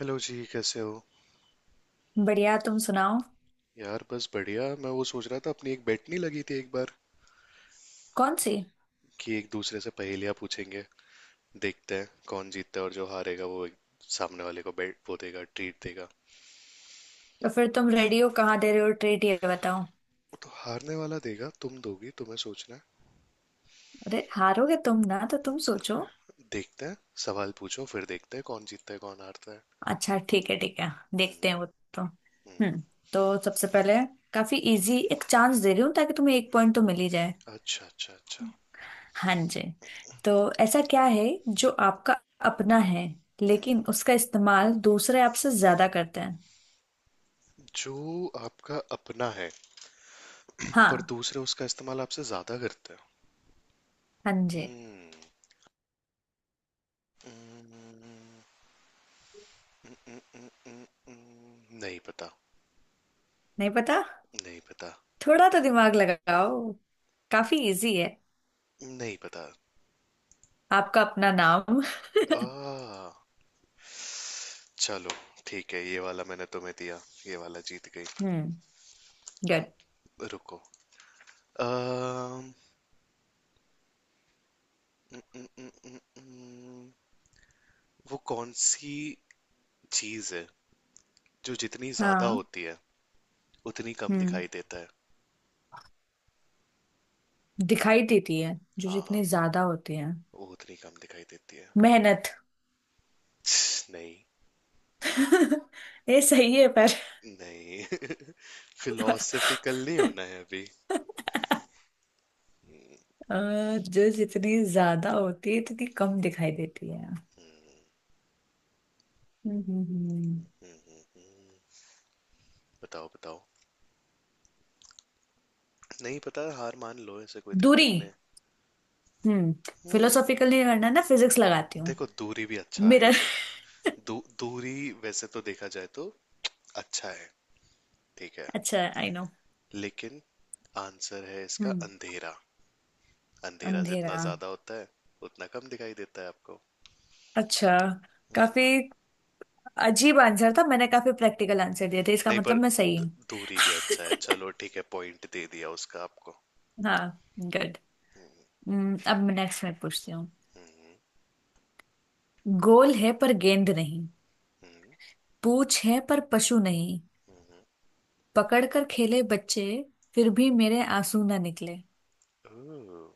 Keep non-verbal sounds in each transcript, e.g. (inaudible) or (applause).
Hello जी, कैसे हो? बढ़िया, तुम सुनाओ। यार, बस बढ़िया। मैं वो सोच रहा था, अपनी एक बेट नहीं लगी थी एक बार कौन सी? कि एक दूसरे से पहेलियां पूछेंगे, देखते हैं कौन जीतता है, और जो हारेगा वो एक सामने वाले को बेट, वो देगा, ट्रीट देगा वो। तो फिर तुम रेडी हो, कहाँ दे रहे हो ट्रीट, ये बताओ। तो हारने वाला देगा, तुम दोगी, तुम्हें सोचना है। अरे, हारोगे तुम ना, तो तुम सोचो। देखते हैं। सवाल पूछो, फिर देखते हैं कौन जीतता है कौन हारता है। अच्छा, ठीक है ठीक है। हम्म। देखते हैं वो। तो हम्म। हम्म। तो सबसे पहले काफी इजी एक चांस दे रही हूँ, ताकि तुम्हें एक पॉइंट तो मिल ही जाए। अच्छा, अच्छा, अच्छा। हाँ जी। तो ऐसा क्या है जो आपका अपना है, लेकिन उसका इस्तेमाल दूसरे आपसे ज्यादा करते हैं? जो आपका अपना है पर हाँ। दूसरे उसका इस्तेमाल आपसे ज्यादा करते हैं। हाँ जी। हम्म। हम्म, हम्म, हम्म, हम्म, हम्म, हम्म, हम्म, हम्म, हम्म, नहीं पता। नहीं पता? नहीं पता। थोड़ा तो दिमाग लगाओ, काफी इजी है। नहीं पता। आपका अपना नाम। (laughs) आ चलो, ठीक है, ये वाला मैंने तुम्हें दिया, ये वाला जीत गई। हम्म। गुड। अब रुको। अम, न, न, न, न, न, वो कौन सी चीज है जो जितनी ज्यादा हाँ। होती है उतनी कम हम्म। दिखाई देता है? दिखाई देती है। जो जितने हाँ, ज्यादा होते हैं। वो उतनी कम दिखाई देती है। मेहनत। नहीं। (laughs) ये सही है, पर। नहीं। (laughs) (laughs) फिलोसफिकल नहीं होना है अभी। अ, जो जितनी ज्यादा होती है, उतनी कम दिखाई देती है। हम्म हम्म हम्म। हम्म, हम्म, हम्म, बताओ, बताओ। नहीं पता, हार मान लो, ऐसे कोई दूरी। दिक्कत नहीं। हम्म। हम्म। फिलोसॉफिकल नहीं करना ना, फिजिक्स लगाती हूँ। देखो, दूरी भी अच्छा है। मिरर। (laughs) दू, दूरी वैसे तो देखा जाए तो अच्छा है, ठीक है, अच्छा, आई नो। लेकिन आंसर है इसका हम्म, अंधेरा। अंधेरा जितना अंधेरा। ज्यादा होता है उतना कम दिखाई देता है आपको। अच्छा। काफी हम्म, अजीब आंसर था, मैंने काफी प्रैक्टिकल आंसर दिए थे, इसका नहीं, मतलब पर मैं सही हूँ। दूरी भी अच्छा है, चलो ठीक है, पॉइंट दे दिया उसका आपको। (laughs) हाँ, गुड। अब मैं नेक्स्ट मैं पूछती हूँ। हम्म, गोल है पर गेंद नहीं, हम्म, पूछ है पर पशु नहीं, हम्म, पकड़ कर खेले बच्चे, फिर हम्म। भी मेरे आंसू ना निकले। ओह,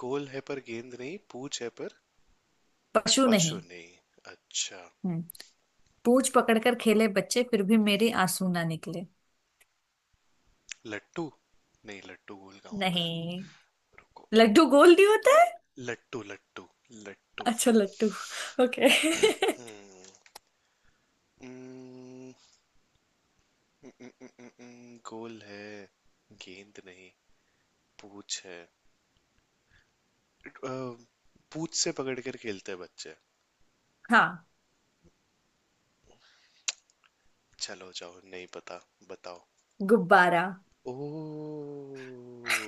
गोल है पर गेंद नहीं, पूछ है पर पशु पशु नहीं। नहीं। अच्छा। हम्म। पूछ पकड़ कर खेले बच्चे, फिर भी मेरे आंसू ना निकले। लट्टू। नहीं, लट्टू गोल का होता है। नहीं, रुको। लड्डू गोल नहीं होता है। लट्टू, लट्टू। लट्टू। अच्छा, लट्टू। ओके। हम्म। हम्म, गोल है, गेंद नहीं, पूछ है, अ, पूछ से पकड़ कर खेलते हैं बच्चे। (laughs) हाँ। चलो जाओ, नहीं पता, बताओ। गुब्बारा। ओ,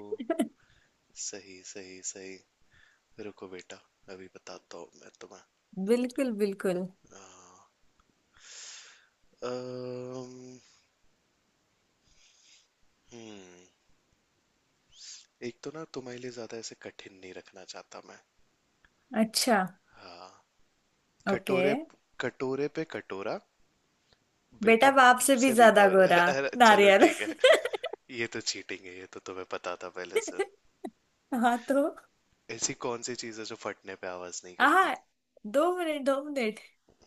(laughs) सही, सही, सही। रुको बेटा, अभी बताता हूँ मैं तुम्हें। बिल्कुल बिल्कुल। अ, अम, हम्म। एक तो ना, तुम्हारे लिए ज्यादा ऐसे कठिन नहीं रखना चाहता मैं। अच्छा। हाँ, ओके। कटोरे, कटोरे पे कटोरा, बेटा बेटा बाप से भी से भी ज्यादा गौर गोरा। (laughs) अरे चलो नारियल। ठीक है। (laughs) ये तो चीटिंग है, ये तो तुम्हें पता था पहले से। हाँ तो। ऐसी कौन सी चीज़ है जो फटने पे आवाज नहीं करती? हाँ, दो मिनट दो मिनट।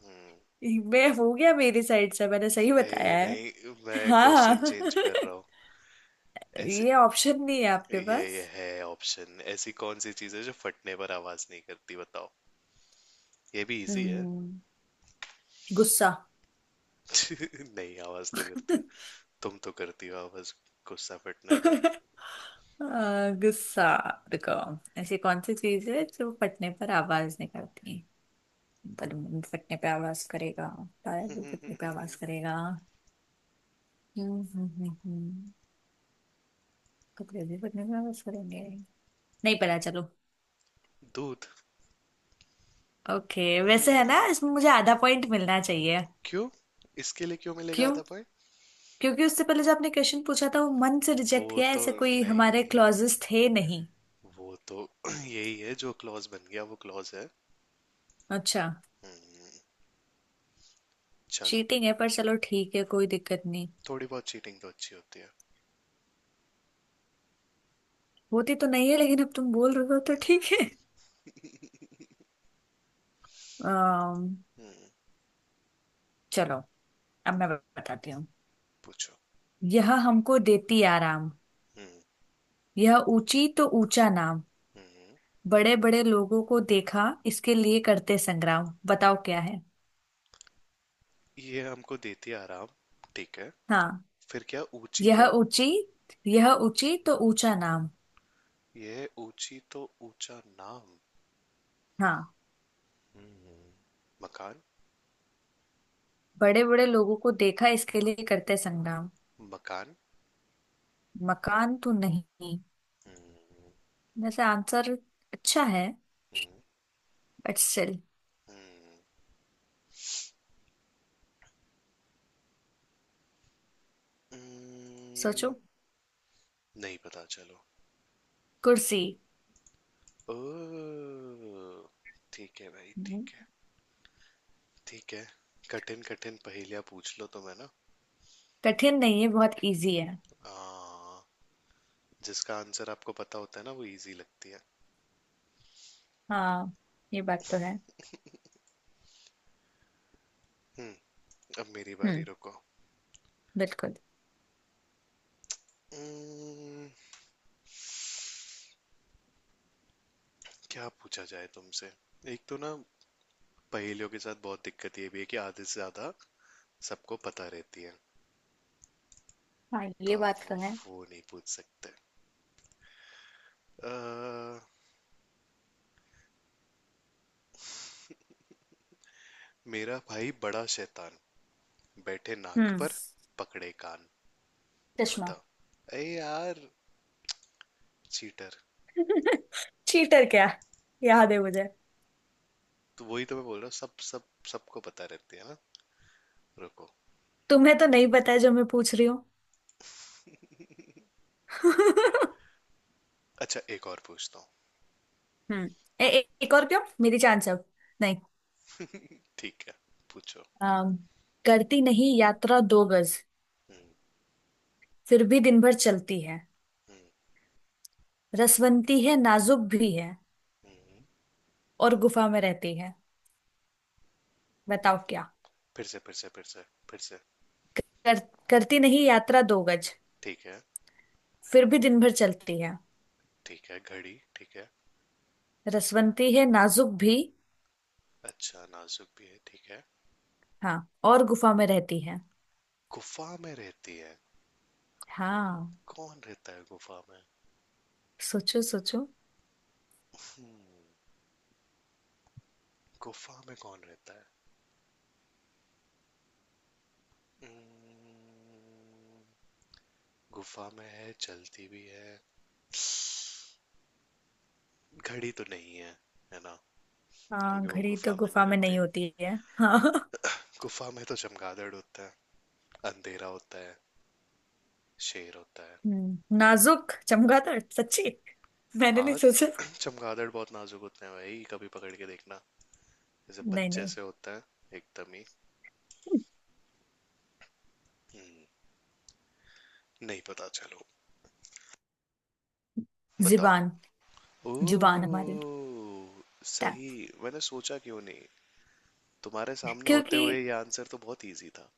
हम्म। मैं हो गया, मेरी साइड से मैंने सही नहीं बताया है। नहीं, मैं हाँ। क्वेश्चन चेंज कर रहा (laughs) हूँ। ऐसे, ये ऑप्शन नहीं है आपके ये पास। ये है ऑप्शन। ऐसी कौन सी चीज़ है जो फटने पर आवाज नहीं करती, बताओ। ये भी इजी है। हम्म, गुस्सा। (laughs) (laughs) नहीं, आवाज तो करती हो, तुम तो करती हो आवाज, गुस्सा फटने पर। गुस्सा। रुको, ऐसी कौन सी चीज है जो फटने पर आवाज निकालती है? बलून भी फटने पे आवाज करेगा, टायर भी फटने पे आवाज (laughs) करेगा। हम्म हम्म हम्म हम्म। कपड़े भी पहनने में वापस करेंगे। नहीं पता, चलो। दूध। ओके, वैसे है ना, (laughs) इसमें मुझे आधा पॉइंट मिलना चाहिए। क्यों? इसके लिए क्यों मिलेगा क्यों? आधा पॉइंट? क्योंकि उससे पहले जो आपने क्वेश्चन पूछा था, वो मन से रिजेक्ट वो किया है, तो ऐसे कोई नहीं हमारे नहीं, क्लॉजेस थे नहीं। वो तो (clears throat) यही है, जो क्लॉज बन गया वो क्लॉज है। अच्छा। हम्म, चलो। चीटिंग है, पर चलो ठीक है, कोई दिक्कत नहीं। थोड़ी बहुत चीटिंग तो अच्छी होती है। होती तो नहीं है, लेकिन अब तुम बोल रहे हो तो ठीक है। अम्म, चलो, अब मैं बताती हूँ। पूछो। यह हमको देती आराम, हम्म, यह ऊंची तो ऊंचा नाम, हम्म, बड़े बड़े लोगों को देखा इसके लिए करते संग्राम। बताओ क्या है। ये हमको देती है आराम, ठीक है, हाँ। फिर क्या ऊंची यह क्या, ऊंची। यह ऊंची तो ऊंचा नाम। ये है ऊंची तो ऊंचा नाम। हाँ। हम्म, मकान। बड़े बड़े लोगों को देखा इसके लिए करते संग्राम। मकान। मकान तो नहीं। हम्म, वैसे आंसर अच्छा है, हम्म, बट स्टिल। हम्म, सोचो। हम्म, नहीं पता चलो। कुर्सी। ओ, ठीक है भाई, हम्म। ठीक है, ठीक है। कठिन कठिन पहेलियां पूछ लो तो मैं ना, कठिन नहीं है, बहुत इजी है। आ, जिसका आंसर आपको पता होता है ना वो इजी लगती है। हाँ, ये बात तो है। हम्म। अब मेरी बारी, हम्म, रुको। बिल्कुल। Hmm, क्या पूछा जाए तुमसे? एक तो ना, पहेलियों के साथ बहुत दिक्कत ये भी है कि आधे से ज्यादा सबको पता रहती है, हाँ, तो ये अब बात वो तो है। वो नहीं पूछ सकते। अह, मेरा भाई बड़ा शैतान, बैठे नाक हम्म। पर, पकड़े कान, चश्मा। बताओ। अरे यार, चीटर! (laughs) चीटर क्या, याद है मुझे। तो वही तो मैं बोल रहा हूँ, सब सब सबको पता रहती है ना। रुको। तुम्हें तो नहीं पता है जो मैं पूछ रही हूँ। (laughs) अच्छा, एक और पूछता हूँ। हम्म। ए, ए, एक और क्यों, मेरी चांस अब। नहीं। ठीक है, पूछो। अम, करती नहीं यात्रा दो गज, हम्म, फिर भी दिन भर चलती है, हम्म, रसवंती है नाजुक भी है, हम्म, और गुफा में रहती है। बताओ क्या। फिर से, फिर से, फिर से, फिर से। कर, करती नहीं यात्रा दो गज, ठीक है, फिर भी दिन भर चलती है। ठीक है घड़ी, ठीक है। रसवंती है, नाजुक भी। अच्छा, नाजुक भी है, ठीक है, हाँ, और गुफा में रहती है। गुफा में रहती है। हाँ। कौन रहता है गुफा में? सोचो सोचो। गुफा में कौन रहता है? Hmm, गुफा में है, चलती भी है, घड़ी तो नहीं है, है ना? हाँ, क्योंकि वो घड़ी तो गुफा में नहीं गुफा में रहती। नहीं होती है। हाँ। गुफा में तो चमगादड़ होता है, अंधेरा होता है, शेर होता है। नाजुक चमगादड़ सच्ची, मैंने नहीं हाँ। सोचा। (clears throat) चमगादड़ बहुत नाजुक होते हैं भाई, कभी पकड़ के देखना, जैसे नहीं बच्चे नहीं। से होता है, एकदम ही। Hmm, नहीं पता, चलो, बताओ। जुबान। जुबान हमारी। ओह, सही। टा- मैंने सोचा क्यों नहीं, तुम्हारे सामने होते क्योंकि। हुए ये आंसर तो बहुत इजी था।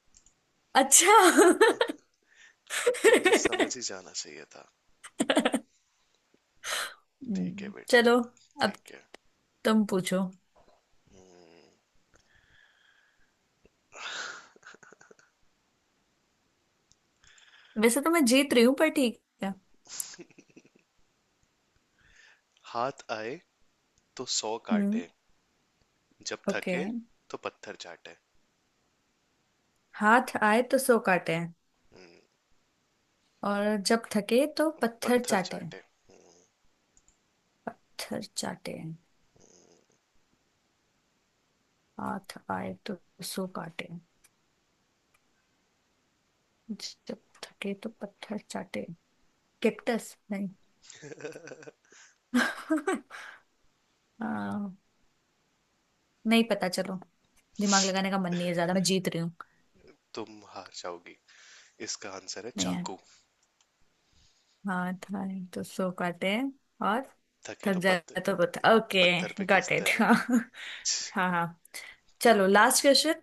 अच्छा। फिर तो मुझे समझ ही जाना चाहिए था। ठीक है बेटा, चलो। अब ठीक है। तुम पूछो। हम्म, वैसे तो मैं जीत रही हूँ, पर ठीक है। हाथ आए तो 100 हम्म। काटे, जब ओके। थके तो पत्थर चाटे। हाथ आए तो सो काटे, हम्म, और जब थके तो पत्थर पत्थर चाटे। चाटे। पत्थर चाटे। हाथ आए तो सो काटे, जब थके तो पत्थर चाटे। कैक्टस नहीं। (laughs) आ, नहीं पता, चलो। दिमाग लगाने का मन नहीं है ज्यादा, मैं जीत रही हूँ। तुम हार जाओगी, इसका आंसर है नहीं है। चाकू। हाँ, थाई तो सो काटे। और थके थक तो जाए तो बता। ओके। पत्थर पे गॉट खींचते इट। हैं (laughs) ना। हाँ छ, हाँ हाँ। चलो, ठीक है, लास्ट क्वेश्चन।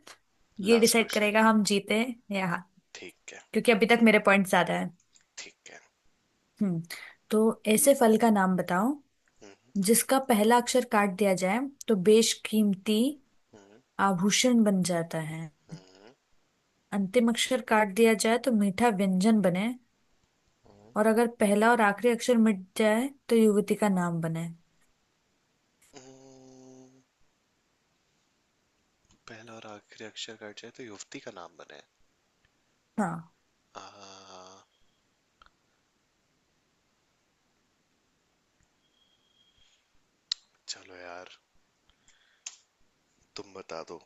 ये लास्ट डिसाइड क्वेश्चन। करेगा हम जीते या हार। ठीक है, क्योंकि अभी तक मेरे पॉइंट ज्यादा है। ठीक है। हम्म। तो ऐसे फल का नाम बताओ, हम्म, जिसका पहला अक्षर काट दिया जाए तो बेशकीमती हम्म, आभूषण बन जाता है, अंतिम अक्षर काट दिया जाए तो मीठा व्यंजन बने, हम्म, और अगर पहला और आखिरी अक्षर मिट जाए तो युवती का नाम बने। हम्म। पहला और आखिरी अक्षर कट जाए तो युवती का नाम बने। हाँ। आ, चलो यार, तुम बता दो।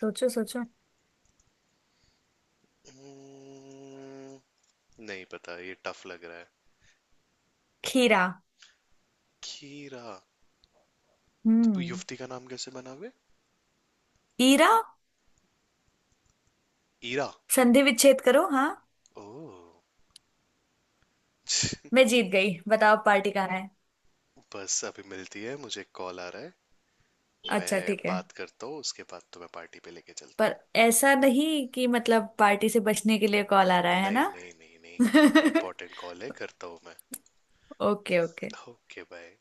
सोचो सोचो। हम्म, नहीं पता, ये टफ लग रहा है। खीरा। खीरा? तो हम्म। युवती का नाम कैसे बना बे? ईरा। ईरा। संधि विच्छेद करो। हाँ, ओह। मैं (laughs) जीत गई, बताओ पार्टी कहाँ है। बस अभी मिलती है, मुझे कॉल आ रहा है, अच्छा मैं ठीक है। बात करता हूँ, उसके बाद तो मैं पार्टी पे लेके चलता पर हूँ। ऐसा नहीं कि मतलब पार्टी से बचने के लिए कॉल आ रहा है नहीं ना? नहीं नहीं नहीं। (laughs) इम्पोर्टेंट कॉल है, करता हूँ मैं। Okay okay. Okay, bye.